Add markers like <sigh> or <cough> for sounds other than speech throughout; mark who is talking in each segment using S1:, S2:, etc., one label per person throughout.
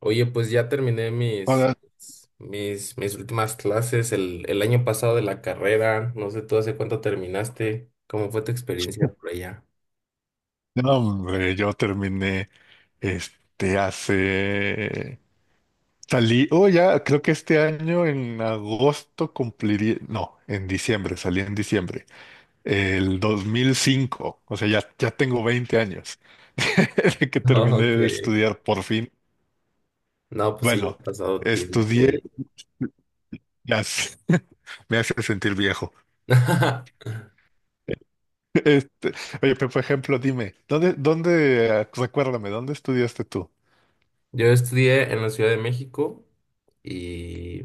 S1: Oye, pues ya terminé mis,
S2: Ahora,
S1: mis, mis últimas clases el año pasado de la carrera. No sé tú hace cuánto terminaste. ¿Cómo fue tu experiencia por allá?
S2: no, hombre, yo terminé este hace. Salí, creo que este año en agosto cumpliría. No, en diciembre, salí en diciembre. El 2005. O sea, ya tengo 20 años <laughs> de que
S1: Ah,
S2: terminé
S1: ok.
S2: de estudiar por fin.
S1: No, pues sí, ya
S2: Bueno,
S1: ha pasado tiempo,
S2: estudié.
S1: oye.
S2: Ya sé, <laughs> me hace sentir viejo.
S1: <laughs>
S2: Este, oye, pero por ejemplo, dime, recuérdame, ¿dónde estudiaste tú?
S1: Yo estudié en la Ciudad de México y,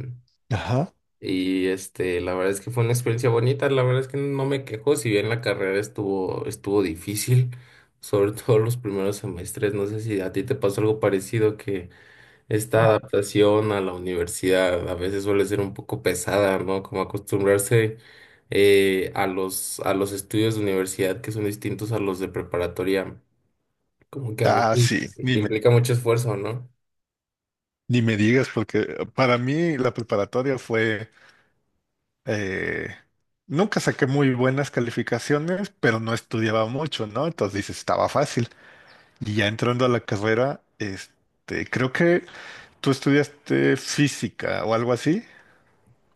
S2: Ajá.
S1: y la verdad es que fue una experiencia bonita. La verdad es que no me quejo, si bien la carrera estuvo difícil, sobre <laughs> todo los primeros semestres. No sé si a ti te pasó algo parecido que esta adaptación a la universidad a veces suele ser un poco pesada, ¿no? Como acostumbrarse a los estudios de universidad que son distintos a los de preparatoria, como que a
S2: Ah,
S1: veces
S2: sí, ni me,
S1: implica mucho esfuerzo, ¿no?
S2: ni me digas, porque para mí la preparatoria fue... eh, nunca saqué muy buenas calificaciones, pero no estudiaba mucho, ¿no? Entonces dices, estaba fácil. Y ya entrando a la carrera, creo que tú estudiaste física o algo así.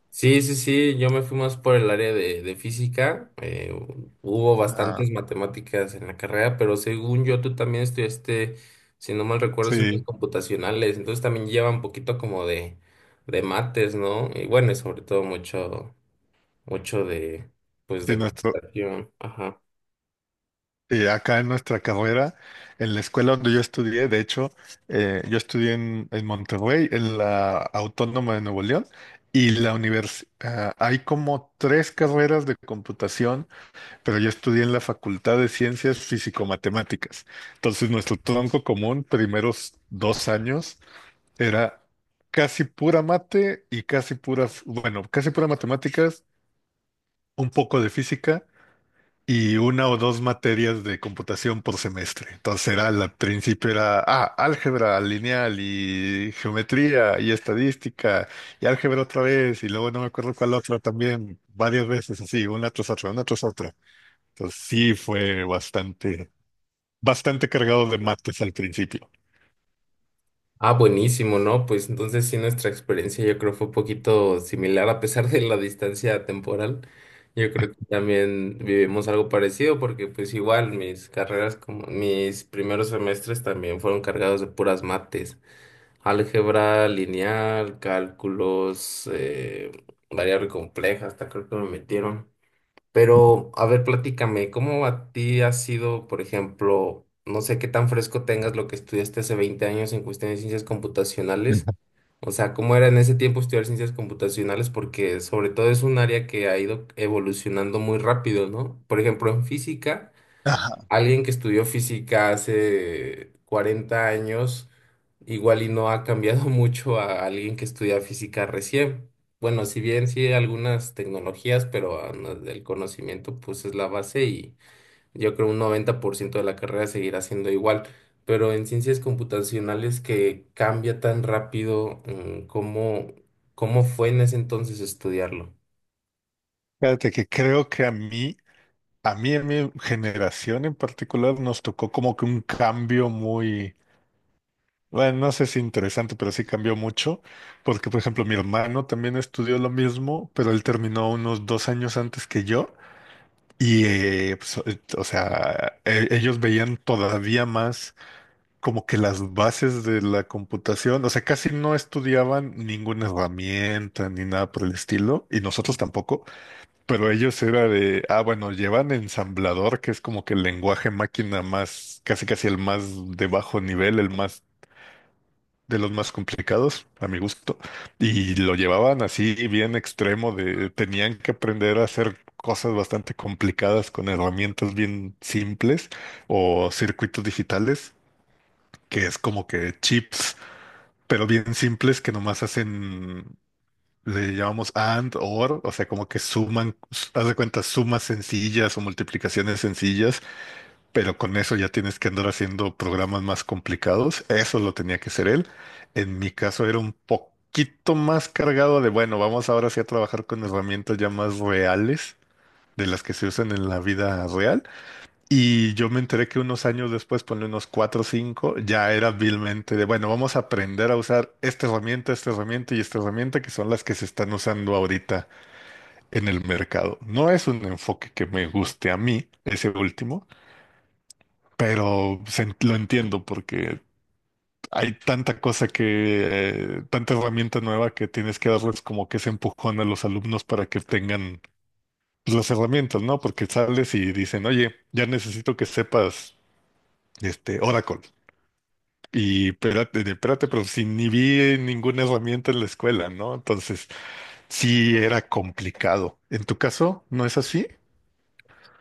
S1: Sí, sí, sí, yo me fui más por el área de física, hubo
S2: Ah,
S1: bastantes matemáticas en la carrera, pero según yo tú también estudiaste, si no mal recuerdo, ciencias
S2: sí.
S1: computacionales, entonces también lleva un poquito como de mates, ¿no? Y bueno, y sobre todo mucho de, pues,
S2: Sí,
S1: de
S2: nuestro,
S1: computación. Ajá.
S2: Y acá en nuestra carrera, en la escuela donde yo estudié, de hecho, yo estudié en Monterrey, en la Autónoma de Nuevo León, y la universidad, hay como tres carreras de computación, pero yo estudié en la Facultad de Ciencias Físico-Matemáticas. Entonces, nuestro tronco común, primeros 2 años, era casi pura mate y casi puras, bueno, casi pura matemáticas, un poco de física y una o dos materias de computación por semestre. Entonces era, al principio era, ah, álgebra lineal y geometría y estadística y álgebra otra vez y luego no me acuerdo cuál otra también, varias veces así, una tras otra, una tras otra. Entonces sí fue bastante, bastante cargado de mates al principio.
S1: Ah, buenísimo, ¿no? Pues entonces sí, nuestra experiencia yo creo fue un poquito similar a pesar de la distancia temporal. Yo creo que también vivimos algo parecido porque pues igual mis carreras como mis primeros semestres también fueron cargados de puras mates. Álgebra, lineal, cálculos, variable compleja, hasta creo que me metieron. Pero, a ver, platícame, ¿cómo a ti ha sido? Por ejemplo, no sé qué tan fresco tengas lo que estudiaste hace 20 años en cuestión de ciencias computacionales. O sea, ¿cómo era en ese tiempo estudiar ciencias computacionales? Porque sobre todo es un área que ha ido evolucionando muy rápido, ¿no? Por ejemplo, en física
S2: Ajá.
S1: alguien que estudió física hace 40 años, igual y no ha cambiado <laughs> mucho a alguien que estudia física recién. Bueno, si bien sí hay algunas tecnologías, pero ah, no, el conocimiento pues es la base y yo creo un 90% de la carrera seguirá siendo igual. Pero en ciencias computacionales que cambia tan rápido, ¿cómo, cómo fue en ese entonces estudiarlo?
S2: Fíjate que creo que a mi generación en particular, nos tocó como que un cambio muy, bueno, no sé si interesante, pero sí cambió mucho, porque por ejemplo mi hermano también estudió lo mismo, pero él terminó unos 2 años antes que yo y ellos veían todavía más como que las bases de la computación, o sea, casi no estudiaban ninguna herramienta ni nada por el estilo, y nosotros tampoco, pero ellos era de, ah, bueno, llevan ensamblador, que es como que el lenguaje máquina más, casi casi el más de bajo nivel, el más de los más complicados, a mi gusto, y lo llevaban así bien extremo de tenían que aprender a hacer cosas bastante complicadas con herramientas bien simples o circuitos digitales, que es como que chips, pero bien simples que nomás hacen, le llamamos and or, o sea, como que suman, haz de cuenta, sumas sencillas o multiplicaciones sencillas pero con eso ya tienes que andar haciendo programas más complicados. Eso lo tenía que ser él. En mi caso era un poquito más cargado de, bueno, vamos ahora sí a trabajar con herramientas ya más reales de las que se usan en la vida real. Y yo me enteré que unos años después, ponle unos cuatro o cinco, ya era vilmente de, bueno, vamos a aprender a usar esta herramienta y esta herramienta que son las que se están usando ahorita en el mercado. No es un enfoque que me guste a mí, ese último, pero lo entiendo porque hay tanta cosa que, tanta herramienta nueva que tienes que darles como que ese empujón a los alumnos para que tengan pues, las herramientas, ¿no? Porque sales y dicen, oye, ya necesito que sepas este Oracle. Y espérate, espérate, pero si ni vi ninguna herramienta en la escuela, ¿no? Entonces, sí era complicado. ¿En tu caso no es así?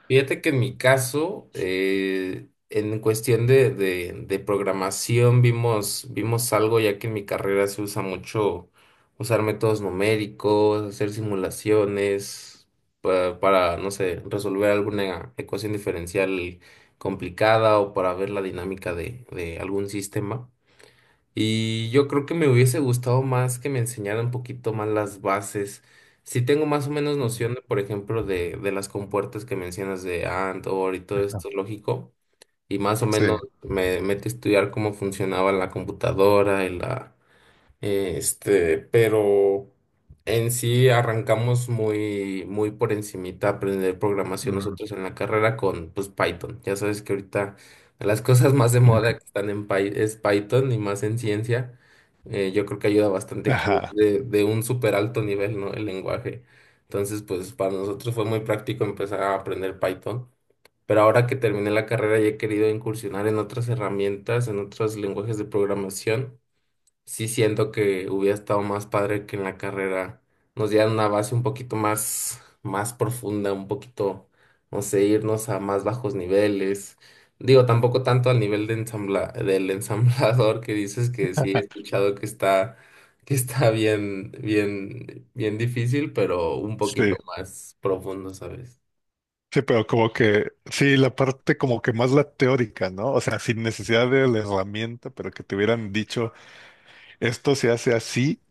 S1: Fíjate que en mi caso, en cuestión de programación, vimos algo, ya que en mi carrera se usa mucho usar métodos numéricos, hacer simulaciones para, no sé, resolver alguna ecuación diferencial complicada o para ver la dinámica de algún sistema. Y yo creo que me hubiese gustado más que me enseñaran un poquito más las bases. Si tengo más o menos
S2: Mm.
S1: noción, por ejemplo, de las compuertas que mencionas de Antor y todo esto lógico, y más o
S2: Sí.
S1: menos me metí a estudiar cómo funcionaba la computadora y la, este, pero en sí arrancamos muy por encimita a aprender programación
S2: Mm.
S1: nosotros en la carrera con pues Python. Ya sabes que ahorita de las cosas más de moda que
S2: <laughs>
S1: están en es Python y más en ciencia. Yo creo que ayuda bastante que
S2: Ajá.
S1: de un súper alto nivel, ¿no? El lenguaje. Entonces, pues para nosotros fue muy práctico empezar a aprender Python. Pero ahora que terminé la carrera ya he querido incursionar en otras herramientas, en otros lenguajes de programación. Sí siento que hubiera estado más padre que en la carrera nos dieran una base un poquito más profunda, un poquito, no sé, irnos a más bajos niveles. Digo, tampoco tanto al nivel de del <laughs> ensamblador que dices que sí he escuchado que está bien difícil, pero un
S2: Sí.
S1: poquito más profundo, ¿sabes?
S2: Sí, pero como que, sí, la parte como que más la teórica, ¿no? O sea, sin necesidad de la herramienta, pero que te hubieran dicho, esto se hace así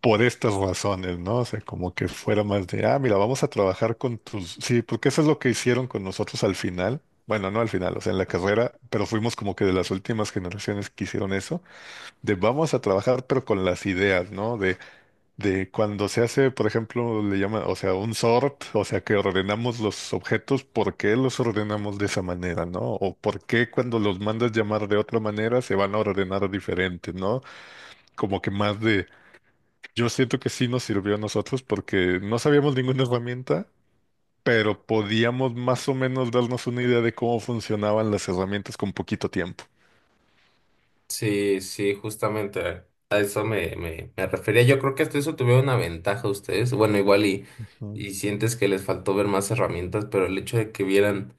S2: por estas razones, ¿no? O sea, como que fuera más de, ah, mira, vamos a trabajar con tus, sí, porque eso es lo que hicieron con nosotros al final. Bueno, no al final, o sea, en la carrera, pero fuimos como que de las últimas generaciones que hicieron eso, de vamos a trabajar, pero con las ideas, ¿no? De cuando se hace, por ejemplo, le llama, o sea, un sort, o sea, que ordenamos los objetos, ¿por qué los ordenamos de esa manera, no? O por qué cuando los mandas llamar de otra manera se van a ordenar diferente, ¿no? Como que más de, yo siento que sí nos sirvió a nosotros porque no sabíamos ninguna herramienta, pero podíamos más o menos darnos una idea de cómo funcionaban las herramientas con poquito tiempo.
S1: Sí, sí, justamente a eso me refería. Yo creo que hasta eso tuvieron una ventaja ustedes. Bueno,
S2: Ujú.
S1: y sientes que les faltó ver más herramientas, pero el hecho de que vieran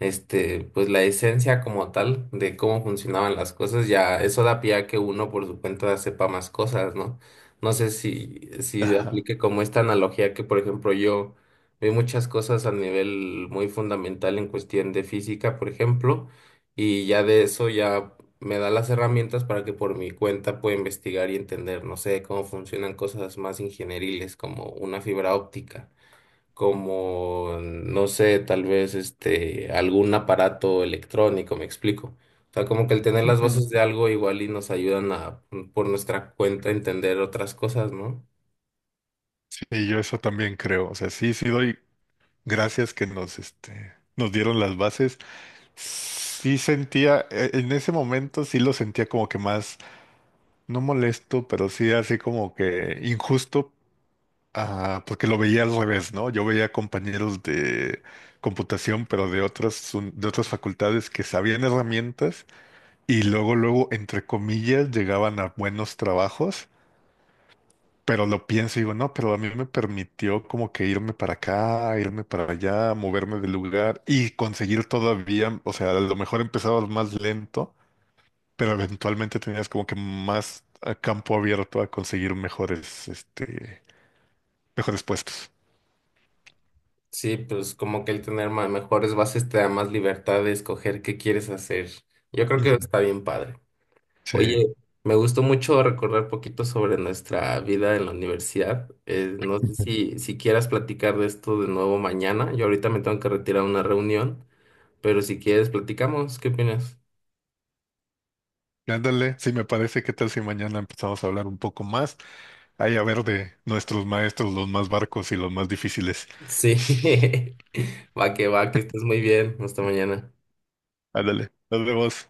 S1: este, pues la esencia como tal de cómo funcionaban las cosas, ya eso da pie a que uno por su cuenta sepa más cosas, ¿no? No sé si, si
S2: Ajá.
S1: aplique como esta analogía que, por ejemplo, yo vi muchas cosas a nivel muy fundamental en cuestión de física, por ejemplo, y ya de eso me da las herramientas para que por mi cuenta pueda investigar y entender, no sé, cómo funcionan cosas más ingenieriles como una fibra óptica, como, no sé, tal vez este, algún aparato electrónico, me explico. O sea, como que el tener las
S2: Ujú.
S1: bases de algo igual y nos ayudan a, por nuestra cuenta, entender otras cosas, ¿no?
S2: Sí, yo eso también creo. O sea, sí doy gracias que nos, nos dieron las bases. Sí sentía, en ese momento sí lo sentía como que más, no molesto, pero sí así como que injusto, ah, porque lo veía al revés, ¿no? Yo veía compañeros de computación, pero de de otras facultades que sabían herramientas y luego, luego, entre comillas, llegaban a buenos trabajos. Pero lo pienso y digo, no, pero a mí me permitió como que irme para acá, irme para allá, moverme de lugar y conseguir todavía, o sea, a lo mejor empezabas más lento, pero eventualmente tenías como que más campo abierto a conseguir mejores, mejores puestos.
S1: Sí, pues como que el tener mejores bases te da más libertad de escoger qué quieres hacer. Yo creo que
S2: Ujú.
S1: está bien padre.
S2: Sí.
S1: Oye, me gustó mucho recordar poquito sobre nuestra vida en la universidad. No sé
S2: Ujú.
S1: si, si quieras platicar de esto de nuevo mañana. Yo ahorita me tengo que retirar a una reunión. Pero si quieres, platicamos. ¿Qué opinas?
S2: Ándale, sí me parece, ¿qué tal si mañana empezamos a hablar un poco más? Ahí a ver de nuestros maestros, los más barcos y los más difíciles.
S1: Sí, <laughs> va que va, que estés muy bien. Hasta mañana.
S2: Ándale, nos vemos.